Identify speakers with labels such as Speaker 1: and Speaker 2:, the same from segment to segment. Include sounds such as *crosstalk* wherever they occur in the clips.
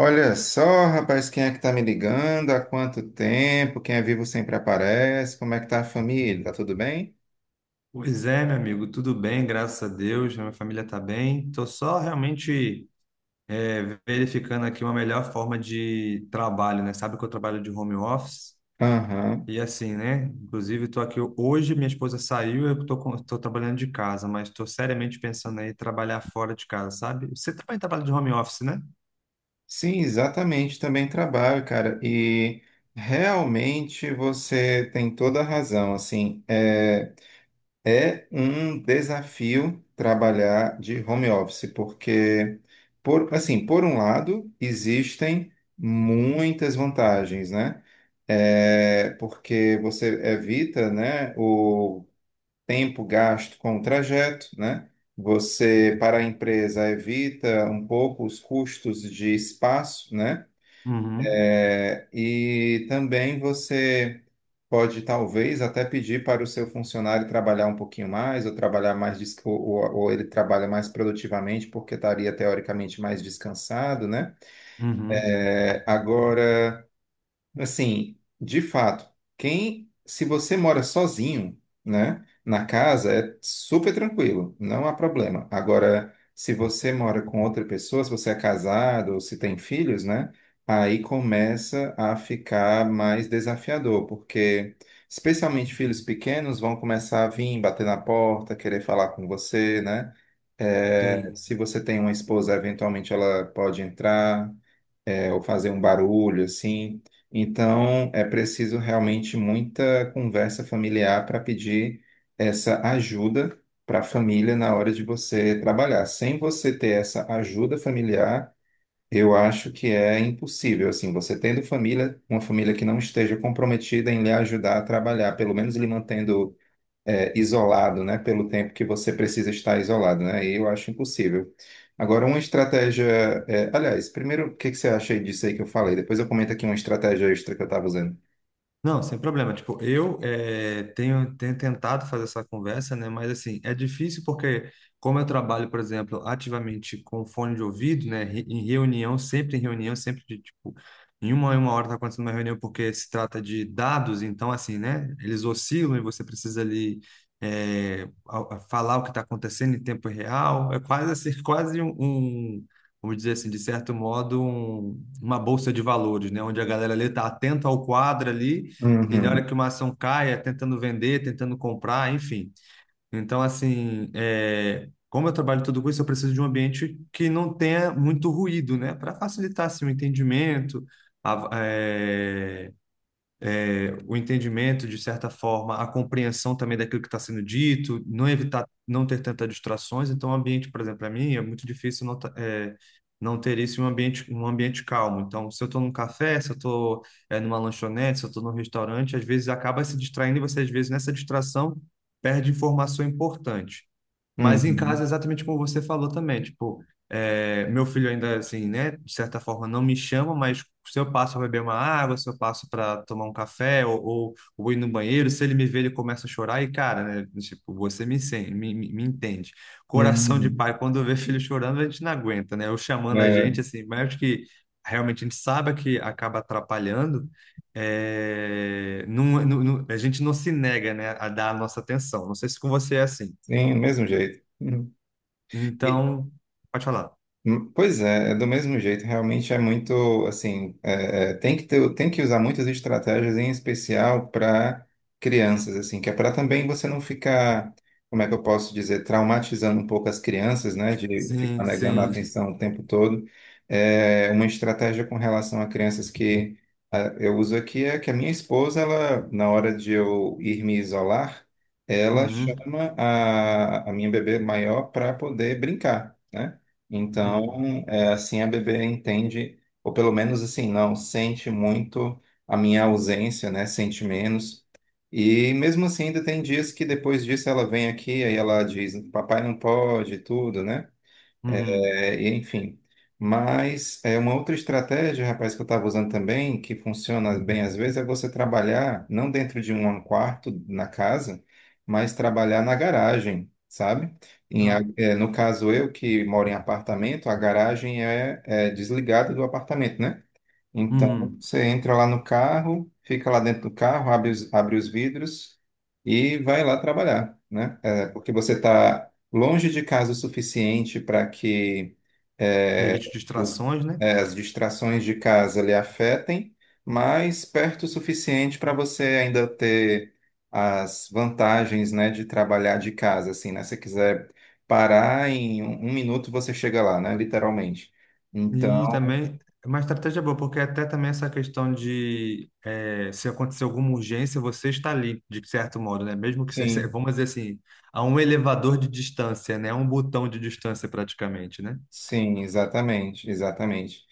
Speaker 1: Olha só, rapaz, quem é que tá me ligando? Há quanto tempo? Quem é vivo sempre aparece. Como é que tá a família? Tá tudo bem?
Speaker 2: Pois é, meu amigo, tudo bem, graças a Deus, a minha família está bem. Estou só realmente verificando aqui uma melhor forma de trabalho, né? Sabe que eu trabalho de home office
Speaker 1: Aham.
Speaker 2: e assim, né? Inclusive, estou aqui hoje, minha esposa saiu, eu estou trabalhando de casa, mas estou seriamente pensando aí em trabalhar fora de casa, sabe? Você também trabalha de home office, né?
Speaker 1: Sim, exatamente. Também trabalho, cara. E realmente você tem toda a razão. Assim, é. É um desafio trabalhar de home office, porque, assim, por um lado, existem muitas vantagens, né? É, porque você evita, né, o tempo gasto com o trajeto, né? Você, para a empresa, evita um pouco os custos de espaço, né?
Speaker 2: Uhum,
Speaker 1: É, e também você pode, talvez, até pedir para o seu funcionário trabalhar um pouquinho mais, ou trabalhar mais, ou ele trabalha mais produtivamente, porque estaria teoricamente mais descansado, né?
Speaker 2: uhum,
Speaker 1: É, agora. Assim, de fato, se você mora sozinho, né, na casa, é super tranquilo, não há problema. Agora, se você mora com outra pessoa, se você é casado ou se tem filhos, né, aí começa a ficar mais desafiador, porque especialmente filhos pequenos vão começar a vir, bater na porta, querer falar com você, né? É,
Speaker 2: sim.
Speaker 1: se você tem uma esposa, eventualmente ela pode entrar ou fazer um barulho assim. Então, é preciso realmente muita conversa familiar para pedir essa ajuda para a família na hora de você trabalhar. Sem você ter essa ajuda familiar, eu acho que é impossível. Assim, você tendo família, uma família que não esteja comprometida em lhe ajudar a trabalhar, pelo menos lhe mantendo isolado, né, pelo tempo que você precisa estar isolado, né? E eu acho impossível. Agora, uma estratégia, aliás, primeiro, o que que você acha aí disso aí que eu falei? Depois eu comento aqui uma estratégia extra que eu estava usando.
Speaker 2: Não, sem problema. Tipo, eu tenho tentado fazer essa conversa, né? Mas assim, é difícil porque, como eu trabalho, por exemplo, ativamente com fone de ouvido, né? Em reunião, sempre de tipo, em uma hora tá acontecendo uma reunião porque se trata de dados, então assim, né? Eles oscilam e você precisa ali eh, a falar o que está acontecendo em tempo real. É quase assim, *laughs* quase um, vamos dizer assim, de certo modo, uma bolsa de valores, né? Onde a galera ali está atenta ao quadro ali e na hora
Speaker 1: Uhum,
Speaker 2: que uma ação cai, é tentando vender, tentando comprar, enfim. Então, assim, é, como eu trabalho tudo com isso, eu preciso de um ambiente que não tenha muito ruído, né? Para facilitar, assim, o entendimento, a, é, o entendimento, de certa forma, a compreensão também daquilo que está sendo dito, não evitar, não ter tantas distrações. Então, o ambiente, por exemplo, para mim é muito difícil não, não ter isso em um ambiente calmo. Então, se eu estou num café, se eu estou numa lanchonete, se eu estou num restaurante, às vezes acaba se distraindo e você, às vezes, nessa distração, perde informação importante. Mas em casa,
Speaker 1: uhum,
Speaker 2: exatamente como você falou também, tipo, é, meu filho ainda, assim, né, de certa forma não me chama, mas se eu passo para beber uma água, se eu passo para tomar um café ou ir no banheiro, se ele me vê, ele começa a chorar e, cara, né, tipo, você me, sen- me, me me entende. Coração de
Speaker 1: uhum.
Speaker 2: pai, quando vê *laughs* filho chorando, a gente não aguenta, né, ou chamando a
Speaker 1: É,
Speaker 2: gente, assim, mas acho que realmente a gente sabe que acaba atrapalhando, a gente não se nega, né, a dar a nossa atenção. Não sei se com você é assim.
Speaker 1: sim, do mesmo jeito. Uhum. E,
Speaker 2: Então, pode falar.
Speaker 1: Pois é, é do mesmo jeito, realmente é muito, assim, é, é, tem que ter, tem que usar muitas estratégias, em especial para crianças, assim, que é para também você não ficar, como é que eu posso dizer, traumatizando um pouco as crianças, né, de ficar
Speaker 2: Sim,
Speaker 1: negando a
Speaker 2: sim.
Speaker 1: atenção o tempo todo. É, uma estratégia com relação a crianças que eu uso aqui é que a minha esposa, ela, na hora de eu ir me isolar, ela
Speaker 2: Uhum,
Speaker 1: chama a minha bebê maior para poder brincar. Né?
Speaker 2: uhum,
Speaker 1: Então, assim a bebê entende, ou pelo menos assim, não, sente muito a minha ausência, né? Sente menos. E mesmo assim, ainda tem dias que depois disso ela vem aqui, aí ela diz, papai não pode, e tudo, né?
Speaker 2: uhum.
Speaker 1: É, e enfim. Mas é uma outra estratégia, rapaz, que eu estava usando também, que funciona bem às vezes, é você trabalhar não dentro de um quarto na casa, mas trabalhar na garagem, sabe?
Speaker 2: Ah,
Speaker 1: No caso eu que moro em apartamento, a garagem é desligada do apartamento, né? Então,
Speaker 2: uhum.
Speaker 1: você entra lá no carro, fica lá dentro do carro, abre os vidros e vai lá trabalhar, né? É, porque você está longe de casa o suficiente para que é,
Speaker 2: Evite
Speaker 1: os-
Speaker 2: distrações, né?
Speaker 1: as distrações de casa lhe afetem, mas perto o suficiente para você ainda ter as vantagens, né, de trabalhar de casa, assim, né? Se você quiser parar em um minuto, você chega lá, né? Literalmente.
Speaker 2: E
Speaker 1: Então,
Speaker 2: também, é uma estratégia boa, porque até também essa questão de se acontecer alguma urgência, você está ali, de certo modo, né? Mesmo que você, *laughs*
Speaker 1: sim.
Speaker 2: vamos dizer assim, a um elevador de distância, né? A um botão de distância praticamente, né?
Speaker 1: Sim, exatamente, exatamente.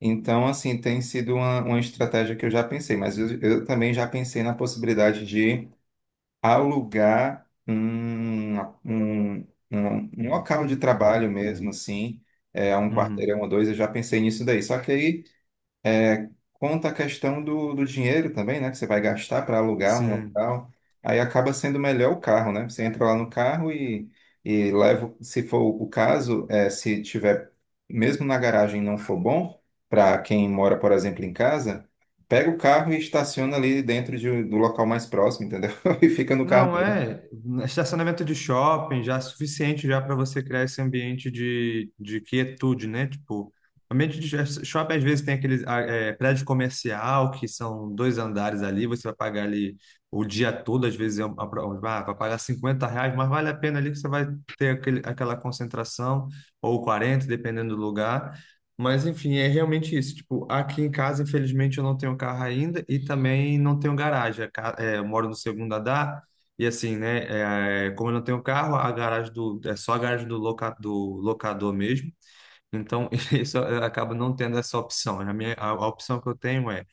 Speaker 1: Então, assim, tem sido uma estratégia que eu já pensei, mas eu também já pensei na possibilidade de alugar um, um local de trabalho mesmo, assim, um
Speaker 2: Uhum.
Speaker 1: quarteirão ou dois, eu já pensei nisso daí. Só que aí conta a questão do dinheiro também, né? Que você vai gastar para alugar um
Speaker 2: Sim.
Speaker 1: local. Aí acaba sendo melhor o carro, né? Você entra lá no carro e leva, se for o caso, se tiver, mesmo na garagem não for bom, para quem mora, por exemplo, em casa, pega o carro e estaciona ali dentro do local mais próximo, entendeu? *laughs* E fica no carro
Speaker 2: Não
Speaker 1: dele.
Speaker 2: é estacionamento de shopping já é suficiente já para você criar esse ambiente de quietude, né? Tipo, ambiente de shopping às vezes tem aquele ah, é, prédio comercial que são dois andares ali, você vai pagar ali o dia todo, às vezes é uma, vai pagar R$ 50, mas vale a pena ali que você vai ter aquela concentração, ou 40, dependendo do lugar. Mas enfim, é realmente isso. Tipo, aqui em casa, infelizmente, eu não tenho carro ainda e também não tenho garagem. Eu moro no segundo andar. E assim, né? É, como eu não tenho carro, a garagem do, é só a garagem do, loca, do locador mesmo. Então, *laughs* isso acaba não tendo essa opção. A opção que eu tenho é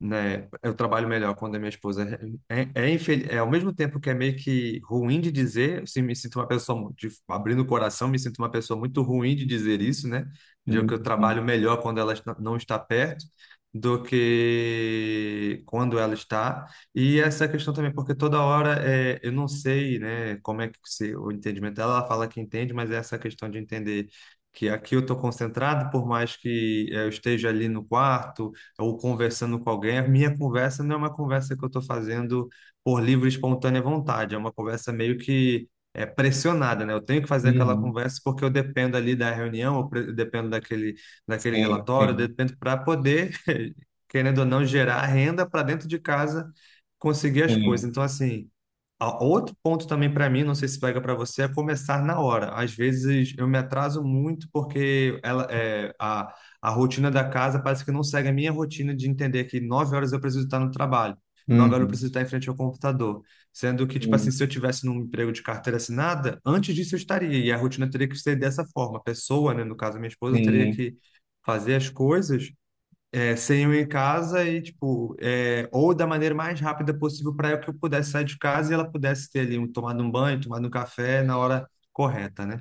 Speaker 2: né? Eu trabalho melhor quando a minha esposa é ao mesmo tempo que é meio que ruim de dizer, assim, me sinto uma pessoa abrindo o coração, me sinto uma pessoa muito ruim de dizer isso, né? De que eu
Speaker 1: Uhum.
Speaker 2: trabalho melhor quando não está perto do que quando ela está. E essa questão também, porque toda hora é, eu não sei, né, como é que se, o entendimento dela, ela fala que entende, mas é essa questão de entender que aqui eu estou concentrado, por mais que eu esteja ali no quarto ou conversando com alguém, a minha conversa não é uma conversa que eu estou fazendo por livre e espontânea vontade, é uma conversa meio que é, pressionada, né? Eu tenho que fazer aquela
Speaker 1: Uhum.
Speaker 2: conversa porque eu dependo ali da reunião, eu dependo daquele, daquele
Speaker 1: Sim,
Speaker 2: relatório, eu
Speaker 1: sim,
Speaker 2: dependo para poder, *laughs* querendo ou não, gerar renda para dentro de casa, conseguir as coisas.
Speaker 1: sim.
Speaker 2: Então, assim. Outro ponto também para mim, não sei se pega para você, é começar na hora. Às vezes eu me atraso muito porque ela, é, a rotina da casa parece que não segue a minha rotina de entender que 9 horas eu preciso estar no trabalho, 9 horas eu
Speaker 1: Uhum.
Speaker 2: preciso estar em frente ao computador. Sendo que, tipo assim,
Speaker 1: Uhum.
Speaker 2: se eu tivesse num emprego de carteira assinada, antes disso eu estaria, e a rotina teria que ser dessa forma. A pessoa, né, no caso, minha esposa, teria
Speaker 1: Sim.
Speaker 2: que fazer as coisas é, sem eu ir em casa e, tipo, é, ou da maneira mais rápida possível para que eu pudesse sair de casa e ela pudesse ter ali, um, tomado um banho, tomado um café na hora correta, né?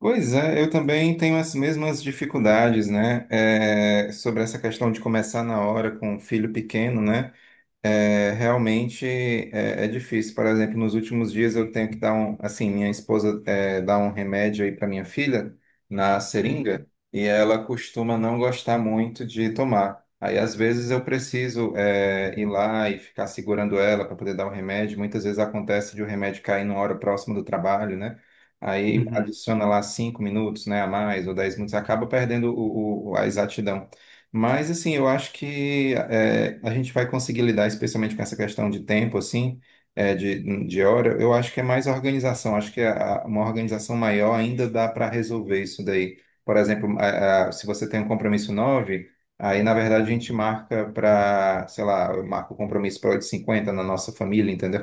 Speaker 1: Pois é, eu também tenho as mesmas dificuldades, né? É, sobre essa questão de começar na hora com um filho pequeno, né? É, realmente é difícil. Por exemplo, nos últimos dias eu tenho que dar um, assim, minha esposa dá um remédio aí para minha filha na
Speaker 2: Uhum,
Speaker 1: seringa e ela costuma não gostar muito de tomar. Aí às vezes eu preciso ir lá e ficar segurando ela para poder dar o remédio. Muitas vezes acontece de o remédio cair numa hora próxima do trabalho, né? Aí
Speaker 2: uhum,
Speaker 1: adiciona lá 5 minutos, né, a mais ou 10 minutos, acaba perdendo a exatidão, mas, assim, eu acho que a gente vai conseguir lidar, especialmente com essa questão de tempo, assim, de hora. Eu acho que é mais organização. Acho que uma organização maior ainda dá para resolver isso daí. Por exemplo, se você tem um compromisso 9, aí, na verdade, a gente marca para, sei lá, eu marco o compromisso para 8 h cinquenta na nossa família, entendeu?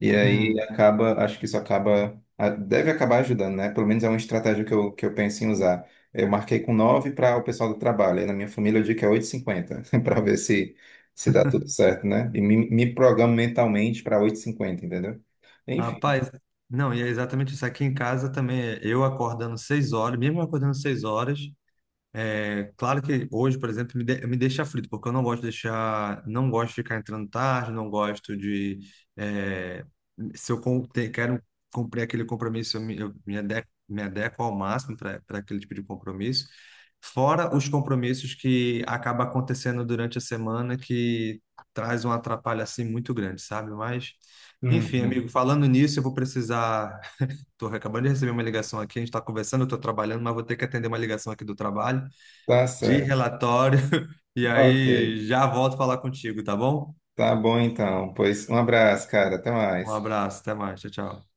Speaker 1: E aí
Speaker 2: uhum.
Speaker 1: acaba, acho que isso acaba, deve acabar ajudando, né? Pelo menos é uma estratégia que eu penso em usar. Eu marquei com 9 para o pessoal do trabalho. Aí na minha família eu digo que é 8h50 *laughs* para ver se dá tudo certo, né? E me programo mentalmente para 8h50, entendeu? Enfim.
Speaker 2: Rapaz, não, e é exatamente isso. Aqui em casa também, eu acordando 6 horas, mesmo acordando 6 horas, é, claro que hoje, por exemplo, me deixa aflito, porque eu não gosto de deixar, não gosto de ficar entrando tarde, não gosto de, é, se eu com- te- quero cumprir aquele compromisso, eu me adequo ao máximo para aquele tipo de compromisso. Fora os compromissos que acaba acontecendo durante a semana, que traz um atrapalho assim muito grande, sabe? Mas, enfim, amigo,
Speaker 1: Uhum.
Speaker 2: falando nisso, eu vou precisar. *laughs* Estou acabando de receber uma ligação aqui, a gente está conversando, eu estou trabalhando, mas vou ter que atender uma ligação aqui do trabalho
Speaker 1: Tá
Speaker 2: de
Speaker 1: certo.
Speaker 2: relatório. *laughs* E
Speaker 1: Ok.
Speaker 2: aí já volto falar contigo, tá bom?
Speaker 1: Tá bom então. Pois um abraço, cara. Até
Speaker 2: Um
Speaker 1: mais.
Speaker 2: abraço, até mais, tchau, tchau.